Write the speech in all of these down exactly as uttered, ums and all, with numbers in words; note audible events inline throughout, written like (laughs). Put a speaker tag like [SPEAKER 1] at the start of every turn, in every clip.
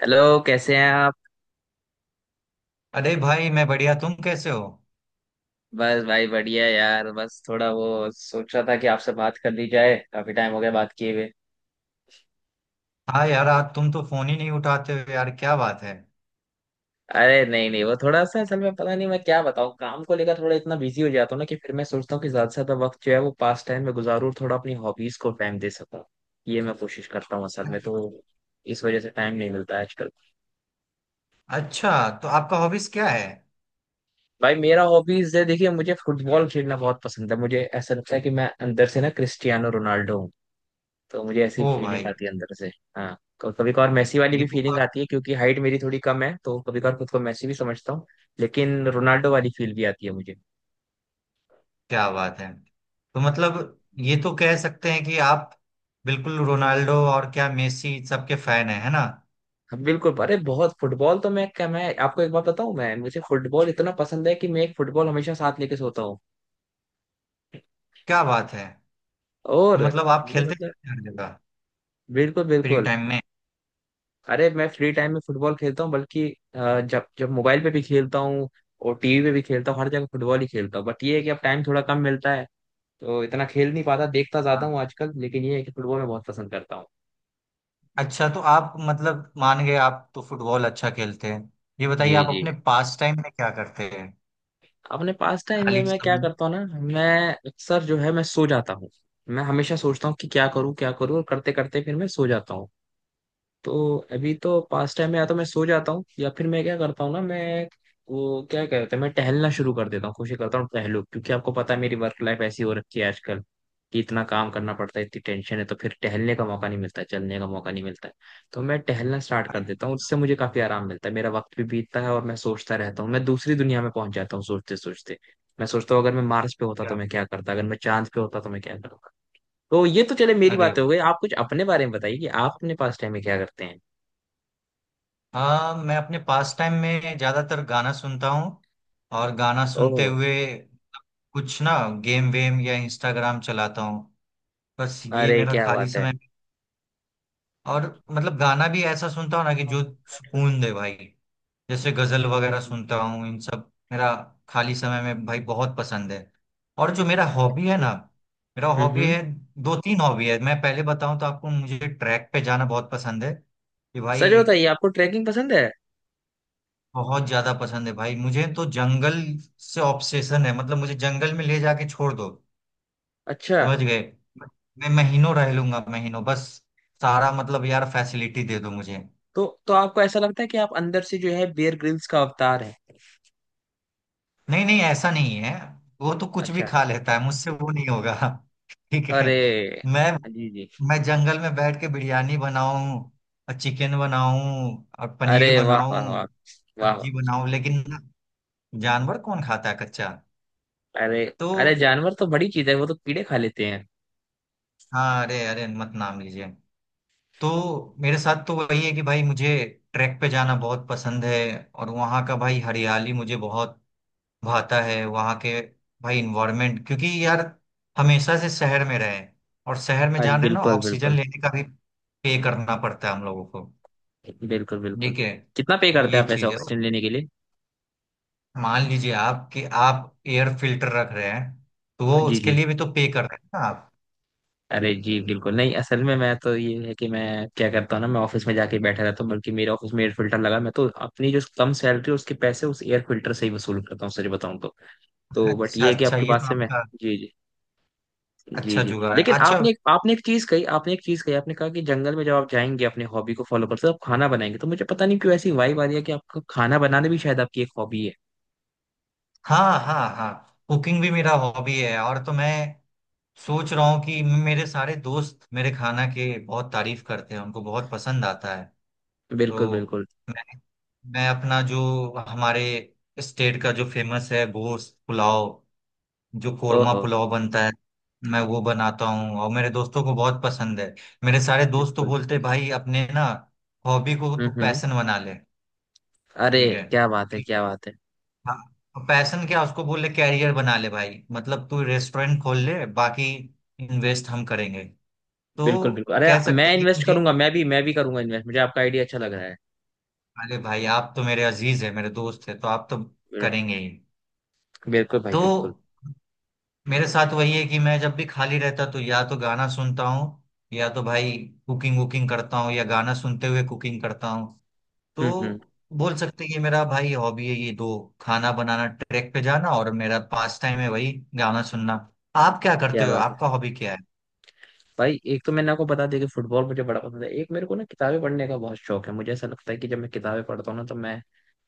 [SPEAKER 1] Hello, कैसे हैं आप?
[SPEAKER 2] अरे भाई, मैं बढ़िया। तुम कैसे हो?
[SPEAKER 1] बस भाई, बढ़िया यार। बस थोड़ा वो सोच रहा था कि आपसे बात कर ली जाए, काफी टाइम हो गया बात किए हुए।
[SPEAKER 2] हाँ यार, आज तुम तो फोन ही नहीं उठाते हो यार, क्या बात है?
[SPEAKER 1] अरे नहीं नहीं, वो थोड़ा सा असल में, पता नहीं मैं क्या बताऊँ, काम को लेकर थोड़ा इतना बिजी हो जाता हूँ ना कि फिर मैं सोचता हूँ कि ज्यादा से ज्यादा वक्त जो है वो पास टाइम में गुजारूँ और थोड़ा अपनी हॉबीज को टाइम दे सकूँ। ये मैं कोशिश करता हूँ असल में तो। इस वजह से टाइम नहीं मिलता है आजकल।
[SPEAKER 2] अच्छा, तो आपका हॉबीज क्या है?
[SPEAKER 1] भाई, मेरा हॉबीज है, देखिए, मुझे फुटबॉल खेलना बहुत पसंद है। मुझे ऐसा लगता है कि मैं अंदर से ना क्रिस्टियानो रोनाल्डो हूँ। तो मुझे ऐसी
[SPEAKER 2] ओ
[SPEAKER 1] फीलिंग
[SPEAKER 2] भाई।
[SPEAKER 1] आती है अंदर से। हाँ, क- कभी कभार मैसी वाली
[SPEAKER 2] ये
[SPEAKER 1] भी
[SPEAKER 2] तो
[SPEAKER 1] फीलिंग
[SPEAKER 2] आप।
[SPEAKER 1] आती है, क्योंकि हाइट मेरी थोड़ी कम है, तो कभी कभार खुद को मैसी भी समझता हूँ। लेकिन रोनाल्डो वाली फील भी आती है मुझे।
[SPEAKER 2] क्या बात है। तो मतलब। ये तो कह सकते हैं कि आप। बिल्कुल रोनाल्डो, और क्या मेसी सबके फैन हैं, है ना?
[SPEAKER 1] हाँ बिल्कुल, अरे बहुत फुटबॉल तो, मैं क्या, मैं आपको एक बात बताऊँ, मैं मुझे फुटबॉल इतना पसंद है कि मैं एक फुटबॉल हमेशा साथ लेके सोता हूँ।
[SPEAKER 2] क्या बात है। तो
[SPEAKER 1] और
[SPEAKER 2] मतलब, आप
[SPEAKER 1] मुझे
[SPEAKER 2] खेलते
[SPEAKER 1] मतलब,
[SPEAKER 2] रहते हैं हर जगह।
[SPEAKER 1] बिल्कुल
[SPEAKER 2] फ्री
[SPEAKER 1] बिल्कुल।
[SPEAKER 2] टाइम में।
[SPEAKER 1] अरे मैं फ्री टाइम में फुटबॉल खेलता हूँ, बल्कि अ, जब जब मोबाइल पे भी खेलता हूँ और टीवी पे भी खेलता हूँ, हर जगह फुटबॉल ही खेलता हूँ। बट ये है कि अब टाइम थोड़ा कम मिलता है, तो इतना खेल नहीं पाता, देखता ज्यादा
[SPEAKER 2] हाँ।
[SPEAKER 1] हूँ आजकल। लेकिन ये है कि फुटबॉल मैं बहुत पसंद करता हूँ।
[SPEAKER 2] अच्छा, तो आप मतलब मान गए, आप तो फुटबॉल अच्छा खेलते हैं। ये बताइए,
[SPEAKER 1] जी
[SPEAKER 2] आप
[SPEAKER 1] जी।
[SPEAKER 2] अपने पास टाइम में क्या करते हैं?
[SPEAKER 1] अपने पास टाइम में
[SPEAKER 2] खाली
[SPEAKER 1] मैं क्या
[SPEAKER 2] समय में।
[SPEAKER 1] करता हूँ ना, मैं अक्सर जो है मैं सो जाता हूँ। मैं हमेशा सोचता हूँ कि क्या करूँ क्या करूँ, और करते करते फिर मैं सो जाता हूँ। तो अभी तो पास टाइम में या तो मैं सो जाता हूँ, या फिर मैं क्या करता हूँ ना, मैं, वो क्या कहते हैं, मैं टहलना शुरू कर देता हूँ, कोशिश करता हूँ टहलूं, क्योंकि आपको पता है मेरी वर्क लाइफ ऐसी हो रखी है आजकल कि इतना काम करना पड़ता है, इतनी टेंशन है, तो फिर टहलने का मौका नहीं मिलता है, चलने का मौका नहीं मिलता है। तो मैं टहलना स्टार्ट कर
[SPEAKER 2] अच्छा।
[SPEAKER 1] देता हूँ, उससे मुझे काफी आराम मिलता है, मेरा वक्त भी बीतता है, और मैं सोचता रहता हूँ, मैं दूसरी दुनिया में पहुंच जाता हूँ सोचते सोचते। मैं सोचता हूँ अगर मैं मार्स पे होता तो
[SPEAKER 2] क्या।
[SPEAKER 1] मैं क्या करता, अगर मैं चांद पे होता तो मैं क्या करता। तो ये तो चले, मेरी
[SPEAKER 2] अरे
[SPEAKER 1] बातें हो
[SPEAKER 2] वाह!
[SPEAKER 1] गई, आप कुछ अपने बारे में बताइए कि आप अपने पास टाइम में क्या करते हैं।
[SPEAKER 2] हाँ, मैं अपने पास टाइम में ज्यादातर गाना सुनता हूँ। और गाना सुनते
[SPEAKER 1] ओह।
[SPEAKER 2] हुए कुछ ना, गेम वेम या इंस्टाग्राम चलाता हूँ। बस ये
[SPEAKER 1] अरे
[SPEAKER 2] मेरा
[SPEAKER 1] क्या
[SPEAKER 2] खाली
[SPEAKER 1] बात है।
[SPEAKER 2] समय। और मतलब, गाना भी ऐसा सुनता हूँ ना कि जो सुकून दे भाई। जैसे गजल वगैरह
[SPEAKER 1] हम्म।
[SPEAKER 2] सुनता हूँ, इन सब मेरा खाली समय में भाई बहुत पसंद है। और जो मेरा हॉबी है
[SPEAKER 1] अच्छा।
[SPEAKER 2] ना, मेरा
[SPEAKER 1] हम्म
[SPEAKER 2] हॉबी
[SPEAKER 1] हम्म।
[SPEAKER 2] है, दो तीन हॉबी है। मैं पहले बताऊं तो आपको, मुझे ट्रैक पे जाना बहुत पसंद है कि
[SPEAKER 1] सच
[SPEAKER 2] भाई,
[SPEAKER 1] बताइए, आपको ट्रैकिंग पसंद है?
[SPEAKER 2] बहुत ज्यादा पसंद है भाई। मुझे तो जंगल से ऑब्सेशन है, मतलब मुझे जंगल में ले जाके छोड़ दो।
[SPEAKER 1] अच्छा।
[SPEAKER 2] समझ गए। मैं महीनों रह लूंगा, महीनों, बस। सारा मतलब यार, फैसिलिटी दे दो मुझे।
[SPEAKER 1] तो तो आपको ऐसा लगता है कि आप अंदर से जो है बियर ग्रिल्स का अवतार है?
[SPEAKER 2] नहीं, नहीं, ऐसा नहीं है। वो तो कुछ भी
[SPEAKER 1] अच्छा।
[SPEAKER 2] खा लेता है, मुझसे वो नहीं होगा। (laughs) ठीक है।
[SPEAKER 1] अरे,
[SPEAKER 2] मैं
[SPEAKER 1] जी जी।
[SPEAKER 2] मैं जंगल में बैठ के बिरयानी बनाऊं, और चिकन बनाऊं और
[SPEAKER 1] अरे
[SPEAKER 2] पनीर
[SPEAKER 1] वाह वाह वाह।
[SPEAKER 2] बनाऊं,
[SPEAKER 1] वाह वाह।
[SPEAKER 2] सब्जी बनाऊं, लेकिन जानवर कौन खाता है कच्चा?
[SPEAKER 1] अरे,
[SPEAKER 2] तो,
[SPEAKER 1] अरे जानवर तो बड़ी चीज है, वो तो कीड़े खा लेते हैं।
[SPEAKER 2] हाँ, अरे अरे, मत नाम लीजिए। तो मेरे साथ तो वही है कि भाई, मुझे ट्रैक पे जाना बहुत पसंद है। और वहाँ का भाई हरियाली मुझे बहुत भाता है, वहाँ के भाई इन्वायरमेंट, क्योंकि यार, हमेशा से शहर में रहे हैं, और शहर में
[SPEAKER 1] आज
[SPEAKER 2] जान रहे हैं ना,
[SPEAKER 1] बिल्कुल
[SPEAKER 2] ऑक्सीजन
[SPEAKER 1] बिल्कुल।
[SPEAKER 2] लेने का भी पे करना पड़ता है हम लोगों को।
[SPEAKER 1] बिल्कुल बिल्कुल।
[SPEAKER 2] ठीक है।
[SPEAKER 1] कितना पे करते
[SPEAKER 2] ये
[SPEAKER 1] हैं आप ऐसे
[SPEAKER 2] चीज है,
[SPEAKER 1] ऑक्सीजन लेने के लिए?
[SPEAKER 2] मान लीजिए आप कि आप एयर फिल्टर रख रहे हैं, तो वो
[SPEAKER 1] जी
[SPEAKER 2] उसके
[SPEAKER 1] जी।
[SPEAKER 2] लिए भी तो पे कर रहे हैं ना आप।
[SPEAKER 1] अरे जी बिल्कुल नहीं, असल में मैं तो ये है कि मैं क्या करता हूँ ना, मैं ऑफिस में जाके बैठा रहता हूँ, बल्कि मेरे ऑफिस में एयर फिल्टर लगा, मैं तो अपनी जो कम सैलरी है उसके पैसे उस एयर फिल्टर से ही वसूल करता हूँ, सच बताऊँ तो। तो बट
[SPEAKER 2] अच्छा,
[SPEAKER 1] ये है कि
[SPEAKER 2] अच्छा,
[SPEAKER 1] आपकी
[SPEAKER 2] ये
[SPEAKER 1] बात
[SPEAKER 2] तो
[SPEAKER 1] से मैं,
[SPEAKER 2] आपका
[SPEAKER 1] जी जी। जी
[SPEAKER 2] अच्छा
[SPEAKER 1] जी,
[SPEAKER 2] जुगाड़ है,
[SPEAKER 1] लेकिन
[SPEAKER 2] अच्छा।
[SPEAKER 1] आपने एक आपने एक चीज कही आपने एक चीज कही। आपने कहा कि जंगल में जब आप जाएंगे, अपने हॉबी को फॉलो करते हो, आप खाना बनाएंगे, तो मुझे पता नहीं क्यों ऐसी वाइब आ रही है कि आपका खाना बनाना भी शायद आपकी एक हॉबी है।
[SPEAKER 2] हाँ, हाँ, हाँ। कुकिंग भी मेरा हॉबी है, और तो मैं सोच रहा हूँ कि मेरे सारे दोस्त मेरे खाना के बहुत तारीफ करते हैं, उनको बहुत पसंद आता है।
[SPEAKER 1] बिल्कुल
[SPEAKER 2] तो
[SPEAKER 1] बिल्कुल।
[SPEAKER 2] मैं अपना जो, हमारे स्टेट का जो फेमस है, गोश्त पुलाव, जो कोरमा
[SPEAKER 1] ओहो।
[SPEAKER 2] पुलाव बनता है, मैं वो बनाता हूँ, और मेरे दोस्तों को बहुत पसंद है। मेरे सारे दोस्त तो
[SPEAKER 1] बिल्कुल।
[SPEAKER 2] बोलते हैं, भाई अपने ना हॉबी को
[SPEAKER 1] हम्म
[SPEAKER 2] तू
[SPEAKER 1] हम्म।
[SPEAKER 2] पैशन बना ले।
[SPEAKER 1] अरे
[SPEAKER 2] ठीक है।
[SPEAKER 1] क्या बात है, क्या बात है।
[SPEAKER 2] हाँ, पैशन क्या उसको बोल ले, कैरियर बना ले भाई, मतलब तू रेस्टोरेंट खोल ले, बाकी इन्वेस्ट हम करेंगे। तो
[SPEAKER 1] बिल्कुल बिल्कुल, अरे
[SPEAKER 2] कह
[SPEAKER 1] मैं
[SPEAKER 2] सकते हैं कि
[SPEAKER 1] इन्वेस्ट
[SPEAKER 2] मुझे,
[SPEAKER 1] करूंगा, मैं भी मैं भी करूंगा इन्वेस्ट, मुझे आपका आइडिया अच्छा लग रहा है।
[SPEAKER 2] अरे भाई, आप तो मेरे अजीज है, मेरे दोस्त है, तो आप तो करेंगे ही।
[SPEAKER 1] बिल्कुल भाई
[SPEAKER 2] तो
[SPEAKER 1] बिल्कुल।
[SPEAKER 2] मेरे साथ वही है कि मैं जब भी खाली रहता, तो या तो गाना सुनता हूँ, या तो भाई कुकिंग वुकिंग करता हूँ, या गाना सुनते हुए कुकिंग करता हूँ।
[SPEAKER 1] हम्म
[SPEAKER 2] तो
[SPEAKER 1] हम्म।
[SPEAKER 2] बोल सकते हैं कि मेरा भाई हॉबी है ये दो, खाना बनाना, ट्रैक पे जाना, और मेरा पास टाइम है वही, गाना सुनना। आप क्या
[SPEAKER 1] क्या
[SPEAKER 2] करते हो,
[SPEAKER 1] बात है।
[SPEAKER 2] आपका हॉबी क्या है?
[SPEAKER 1] भाई, एक तो मैंने आपको बता दिया कि फुटबॉल मुझे बड़ा पसंद है। एक मेरे को ना किताबें पढ़ने का बहुत शौक है। मुझे ऐसा लगता है कि जब मैं किताबें पढ़ता हूँ ना, तो मैं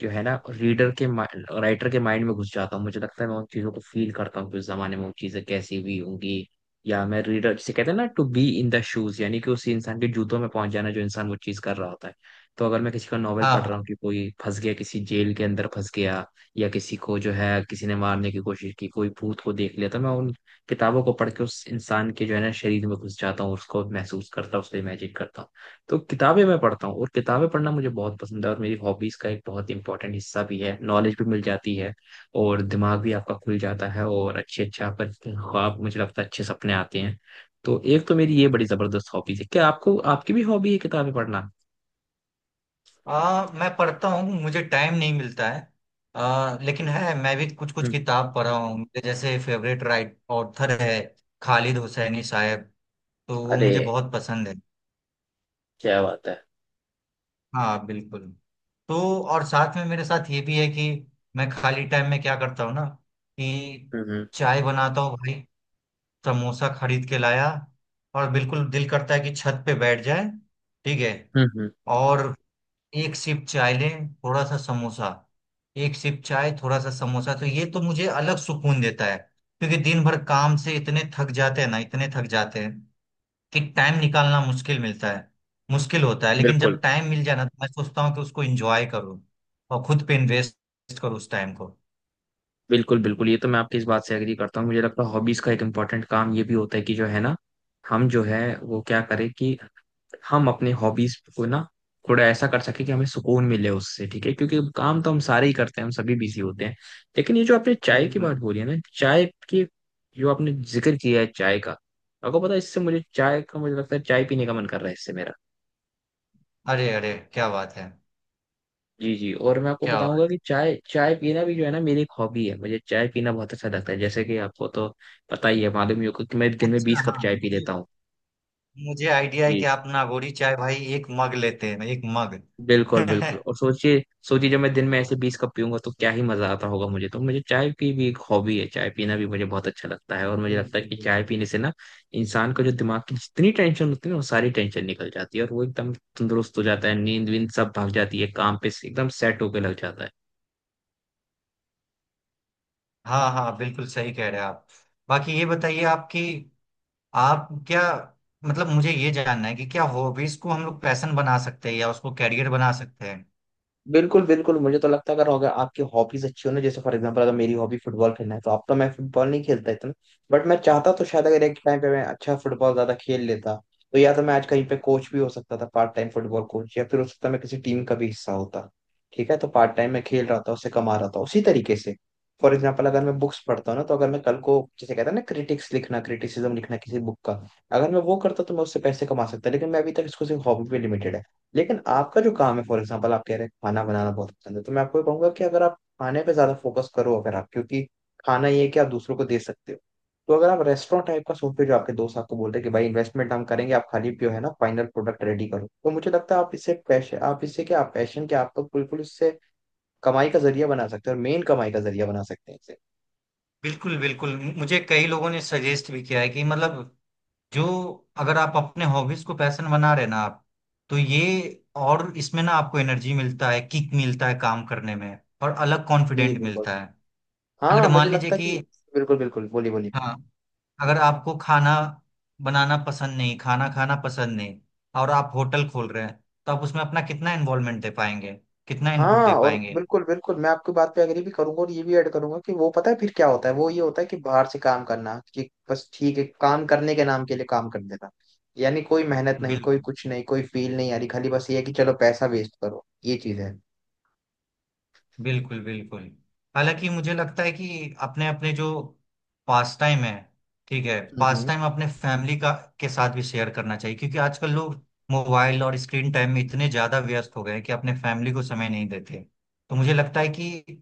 [SPEAKER 1] जो है ना रीडर के माइंड, राइटर के माइंड में घुस जाता हूँ, मुझे लगता है मैं उन चीज़ों को फील करता हूँ कि उस जमाने में वो चीज़ें कैसी हुई होंगी। या मैं रीडर, जिसे कहते हैं ना to be in the shoes, यानी कि उसी इंसान के जूतों में पहुंच जाना, जो इंसान वो चीज़ कर रहा होता है। तो अगर मैं किसी का नॉवल
[SPEAKER 2] हाँ,
[SPEAKER 1] पढ़
[SPEAKER 2] हाँ,
[SPEAKER 1] रहा हूँ कि कोई फंस गया, किसी जेल के अंदर फंस गया, या किसी को जो है किसी ने मारने की कोशिश की, कोई भूत को देख लिया, तो मैं उन किताबों को पढ़ के उस इंसान के जो है ना शरीर में घुस जाता हूँ, उसको महसूस करता हूँ, उसको इमेजिन करता हूँ। तो किताबें मैं पढ़ता हूँ, और किताबें पढ़ना मुझे बहुत पसंद है, और मेरी हॉबीज का एक बहुत इंपॉर्टेंट हिस्सा भी है, नॉलेज भी मिल जाती है और दिमाग भी आपका खुल जाता है, और अच्छे अच्छे आपका ख्वाब, मुझे लगता है अच्छे सपने आते हैं। तो एक तो मेरी ये बड़ी जबरदस्त हॉबीज है। क्या आपको, आपकी भी हॉबी है किताबें पढ़ना?
[SPEAKER 2] आ, मैं पढ़ता हूँ, मुझे टाइम नहीं मिलता है। आ, लेकिन है, मैं भी कुछ कुछ
[SPEAKER 1] हम्म।
[SPEAKER 2] किताब पढ़ा हूँ। मेरे जैसे फेवरेट राइट ऑथर है खालिद हुसैनी साहब, तो वो
[SPEAKER 1] अरे
[SPEAKER 2] मुझे बहुत पसंद है।
[SPEAKER 1] क्या बात है।
[SPEAKER 2] हाँ, बिल्कुल। तो और साथ में मेरे साथ ये भी है कि मैं खाली टाइम में क्या करता हूँ ना, कि
[SPEAKER 1] हम्म हम्म
[SPEAKER 2] चाय बनाता हूँ भाई, समोसा खरीद के लाया, और बिल्कुल दिल करता है कि छत पे बैठ जाए। ठीक है।
[SPEAKER 1] हम्म हम्म।
[SPEAKER 2] और एक सिप चाय लें, थोड़ा सा समोसा, एक सिप चाय, थोड़ा सा समोसा, तो ये तो मुझे अलग सुकून देता है। क्योंकि दिन भर काम से इतने थक जाते हैं ना, इतने थक जाते हैं कि टाइम निकालना मुश्किल मिलता है, मुश्किल होता है। लेकिन
[SPEAKER 1] बिल्कुल
[SPEAKER 2] जब टाइम मिल जाए ना, तो मैं सोचता हूँ कि उसको एंजॉय करूँ, और खुद पे इन्वेस्ट करूँ उस टाइम को।
[SPEAKER 1] बिल्कुल बिल्कुल, ये तो मैं आपकी इस बात से एग्री करता हूँ। मुझे लगता है हॉबीज का एक इम्पॉर्टेंट काम ये भी होता है कि जो है ना, हम जो है वो क्या करें कि हम अपने हॉबीज को ना थोड़ा ऐसा कर सके कि हमें सुकून मिले उससे। ठीक है, क्योंकि काम तो हम सारे ही करते हैं, हम सभी बिजी होते हैं। लेकिन ये जो आपने चाय की
[SPEAKER 2] बिल्कुल।
[SPEAKER 1] बात बोली है ना, चाय की, जो आपने जिक्र किया है चाय का, आपको पता है इससे मुझे, चाय का, मुझे लगता है चाय पीने का मन कर रहा है इससे मेरा।
[SPEAKER 2] अरे, अरे, क्या बात है,
[SPEAKER 1] जी जी, और मैं आपको
[SPEAKER 2] क्या बात
[SPEAKER 1] बताऊंगा कि चाय चाय पीना भी जो है ना मेरी एक हॉबी है। मुझे चाय पीना बहुत अच्छा लगता है, जैसे कि आपको तो पता ही है, मालूम ही होगा कि मैं दिन
[SPEAKER 2] है।
[SPEAKER 1] में बीस
[SPEAKER 2] अच्छा,
[SPEAKER 1] कप
[SPEAKER 2] हाँ,
[SPEAKER 1] चाय पी
[SPEAKER 2] मुझे
[SPEAKER 1] लेता हूँ।
[SPEAKER 2] मुझे आइडिया है
[SPEAKER 1] जी
[SPEAKER 2] कि
[SPEAKER 1] जी,
[SPEAKER 2] आप नागोरी चाय भाई एक मग लेते हैं, एक मग। (laughs)
[SPEAKER 1] बिल्कुल बिल्कुल,
[SPEAKER 2] बिल्कुल,
[SPEAKER 1] और सोचिए सोचिए, जब मैं दिन में ऐसे बीस कप पीऊंगा तो क्या ही मजा आता होगा। मुझे तो, मुझे चाय की भी एक हॉबी है, चाय पीना भी मुझे बहुत अच्छा लगता है। और मुझे लगता है कि
[SPEAKER 2] बिल्कुल।
[SPEAKER 1] चाय पीने से ना इंसान का जो दिमाग की जितनी टेंशन होती है ना, वो सारी टेंशन निकल जाती है, और वो एकदम तंदुरुस्त हो जाता है, नींद वींद सब भाग जाती है, काम पे एकदम सेट होके लग जाता है।
[SPEAKER 2] हाँ, हाँ, बिल्कुल सही कह रहे हैं आप। बाकी ये बताइए आपकी, आप क्या, मतलब, मुझे ये जानना है कि क्या हॉबीज को हम लोग पैशन बना सकते हैं, या उसको कैरियर बना सकते हैं?
[SPEAKER 1] बिल्कुल बिल्कुल, मुझे तो लगता है अगर अगर आपकी हॉबीज अच्छी हो ना, जैसे फॉर एग्जांपल अगर मेरी हॉबी फुटबॉल खेलना है, तो अब तो मैं फुटबॉल नहीं खेलता इतना। बट मैं चाहता तो शायद, अगर एक टाइम पे मैं अच्छा फुटबॉल ज्यादा खेल लेता, तो या तो मैं आज कहीं पे कोच भी हो सकता था, पार्ट टाइम फुटबॉल कोच, या फिर हो सकता मैं किसी टीम का भी हिस्सा होता। ठीक है, तो पार्ट टाइम मैं खेल रहा था, उससे कमा रहा था, उसी तरीके से। फॉर एग्जाम्पल अगर मैं बुक्स पढ़ता हूँ ना, तो अगर मैं कल को जैसे कहता है ना क्रिटिक्स लिखना, क्रिटिसिज्म लिखना किसी बुक का, अगर मैं वो करता तो मैं उससे पैसे कमा सकता, लेकिन मैं अभी तक इसको सिर्फ हॉबी पे लिमिटेड है। लेकिन आपका जो काम है, फॉर एग्जाम्पल आप कह रहे हैं खाना बनाना बहुत पसंद है, तो मैं आपको ये कहूंगा कि अगर आप खाने पे ज्यादा फोकस करो, अगर आप, क्योंकि खाना ये है कि आप दूसरों को दे सकते हो, तो अगर आप रेस्टोरेंट टाइप का सोचते हो, जो आपके दोस्त आपको बोलते हैं कि भाई इन्वेस्टमेंट हम करेंगे आप खाली पियो, है ना, फाइनल प्रोडक्ट रेडी करो, तो मुझे लगता है आप इससे पैशन, आप इससे क्या, आप पैशन क्या, आप तो बिल्कुल इससे कमाई का जरिया बना सकते हैं, और मेन कमाई का जरिया बना सकते हैं इसे।
[SPEAKER 2] बिल्कुल, बिल्कुल, मुझे कई लोगों ने सजेस्ट भी किया है कि मतलब, जो, अगर आप अपने हॉबीज को पैशन बना रहे ना आप, तो ये, और इसमें ना आपको एनर्जी मिलता है, किक मिलता है काम करने में, और अलग
[SPEAKER 1] जी
[SPEAKER 2] कॉन्फिडेंट
[SPEAKER 1] बिल्कुल।
[SPEAKER 2] मिलता है।
[SPEAKER 1] हाँ
[SPEAKER 2] अगर
[SPEAKER 1] मुझे
[SPEAKER 2] मान लीजिए
[SPEAKER 1] लगता है
[SPEAKER 2] कि,
[SPEAKER 1] कि, बिल्कुल बिल्कुल, बोलिए बोलिए।
[SPEAKER 2] हाँ, अगर आपको खाना बनाना पसंद नहीं, खाना खाना पसंद नहीं, और आप होटल खोल रहे हैं, तो आप उसमें अपना कितना इन्वॉल्वमेंट दे पाएंगे, कितना इनपुट
[SPEAKER 1] हाँ,
[SPEAKER 2] दे
[SPEAKER 1] और
[SPEAKER 2] पाएंगे?
[SPEAKER 1] बिल्कुल बिल्कुल, मैं आपकी बात पे एग्री भी करूंगा, और ये भी ऐड करूंगा कि वो पता है फिर क्या होता है, वो ये होता है कि बाहर से काम करना, कि बस ठीक है, काम करने के नाम के लिए काम कर देना, यानी कोई मेहनत नहीं,
[SPEAKER 2] बिल
[SPEAKER 1] कोई कुछ नहीं, कोई फील नहीं आ रही, खाली बस ये है कि चलो पैसा वेस्ट करो, ये चीज है।
[SPEAKER 2] बिल्कुल, बिल्कुल। हालांकि मुझे लगता है कि अपने अपने जो पास टाइम है, ठीक है, पास
[SPEAKER 1] हम्म।
[SPEAKER 2] टाइम अपने फैमिली का, के साथ भी शेयर करना चाहिए, क्योंकि आजकल लोग मोबाइल और स्क्रीन टाइम में इतने ज्यादा व्यस्त हो गए हैं कि अपने फैमिली को समय नहीं देते। तो मुझे लगता है कि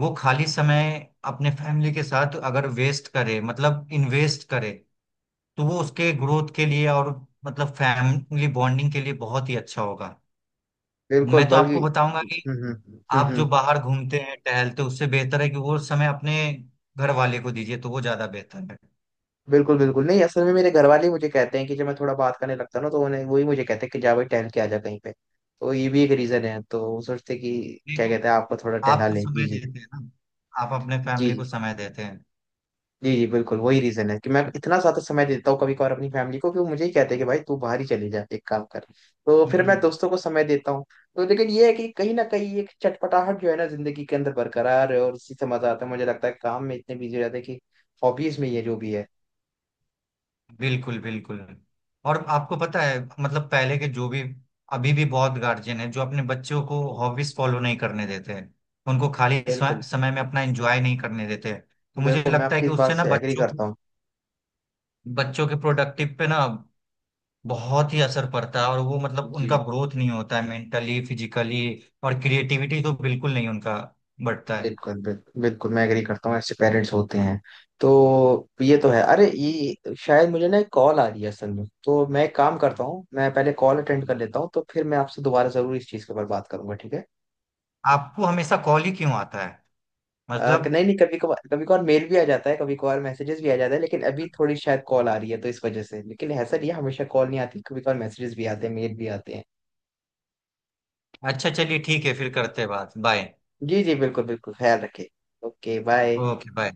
[SPEAKER 2] वो खाली समय अपने फैमिली के साथ अगर वेस्ट करे, मतलब इन्वेस्ट करे, तो वो उसके ग्रोथ के लिए, और मतलब फैमिली बॉन्डिंग के लिए बहुत ही अच्छा होगा।
[SPEAKER 1] बिल्कुल
[SPEAKER 2] मैं तो
[SPEAKER 1] बल्कि।
[SPEAKER 2] आपको बताऊंगा,
[SPEAKER 1] हम्म हम्म हम्म, हम्म,
[SPEAKER 2] आप जो
[SPEAKER 1] हम्म।
[SPEAKER 2] बाहर घूमते हैं टहलते हैं, उससे बेहतर है कि वो समय अपने घर वाले को दीजिए, तो वो ज्यादा बेहतर है।
[SPEAKER 1] बिल्कुल बिल्कुल नहीं, असल में मेरे घर वाले मुझे कहते हैं कि जब मैं थोड़ा बात करने लगता हूं ना, तो उन्हें, वही मुझे कहते हैं कि जा भाई टहल के आ जा कहीं पे। तो ये भी एक रीजन है, तो वो सोचते कि
[SPEAKER 2] नहीं
[SPEAKER 1] क्या
[SPEAKER 2] तो,
[SPEAKER 1] कहते हैं, आपको थोड़ा
[SPEAKER 2] आप
[SPEAKER 1] टहला
[SPEAKER 2] तो
[SPEAKER 1] ले,
[SPEAKER 2] समय
[SPEAKER 1] जी जी।
[SPEAKER 2] देते हैं ना? आप अपने
[SPEAKER 1] जी
[SPEAKER 2] फैमिली को समय देते हैं।
[SPEAKER 1] जी जी बिल्कुल, वही रीजन है कि मैं इतना ज्यादा समय देता हूँ कभी कभार अपनी फैमिली को, कि वो मुझे ही कहते हैं कि भाई तू बाहर ही चले जा, एक काम कर। तो फिर मैं
[SPEAKER 2] हम्म।
[SPEAKER 1] दोस्तों को समय देता हूँ। तो लेकिन ये है कि कहीं ना कहीं एक चटपटाहट जो है ना जिंदगी के अंदर बरकरार है, और इसी से मजा आता है। मुझे लगता है काम में इतने बिजी हो जाते हैं कि हॉबीज में ये जो भी है।
[SPEAKER 2] बिल्कुल, बिल्कुल। और आपको पता है, मतलब पहले के जो भी, अभी भी बहुत गार्जियन है जो अपने बच्चों को हॉबीज फॉलो नहीं करने देते हैं, उनको खाली स्व-
[SPEAKER 1] बिल्कुल
[SPEAKER 2] समय में अपना एंजॉय नहीं करने देते हैं। तो मुझे
[SPEAKER 1] बिल्कुल, मैं
[SPEAKER 2] लगता है
[SPEAKER 1] आपकी
[SPEAKER 2] कि
[SPEAKER 1] इस बात
[SPEAKER 2] उससे ना
[SPEAKER 1] से एग्री
[SPEAKER 2] बच्चों को,
[SPEAKER 1] करता हूँ।
[SPEAKER 2] बच्चों के प्रोडक्टिव पे ना बहुत ही असर पड़ता है, और वो मतलब उनका
[SPEAKER 1] जी।
[SPEAKER 2] ग्रोथ नहीं होता है मेंटली, फिजिकली, और क्रिएटिविटी तो बिल्कुल नहीं उनका बढ़ता है।
[SPEAKER 1] बिल्कुल बिल्कुल बिल्कुल, मैं एग्री करता हूँ, ऐसे पेरेंट्स होते हैं। तो ये तो है, अरे ये शायद मुझे ना एक कॉल आ रही है असल में, तो मैं एक काम करता हूँ, मैं पहले कॉल अटेंड कर लेता हूँ, तो फिर मैं आपसे दोबारा जरूर इस चीज़ के ऊपर बात करूंगा, ठीक है।
[SPEAKER 2] आपको हमेशा कॉल ही क्यों आता है?
[SPEAKER 1] अ,
[SPEAKER 2] मतलब,
[SPEAKER 1] कि नहीं नहीं, कभी कभार कभी कभार मेल भी आ जाता है, कभी कभार मैसेजेस भी आ जाता है, लेकिन अभी थोड़ी शायद कॉल आ रही है तो इस वजह से। लेकिन ऐसा नहीं है, हमेशा कॉल नहीं आती, कभी कभार मैसेजेस भी आते हैं, मेल भी आते हैं।
[SPEAKER 2] अच्छा, चलिए ठीक है, फिर करते हैं बात। बाय।
[SPEAKER 1] जी जी बिल्कुल बिल्कुल, ख्याल रखिए। Okay bye.
[SPEAKER 2] Okay, bye.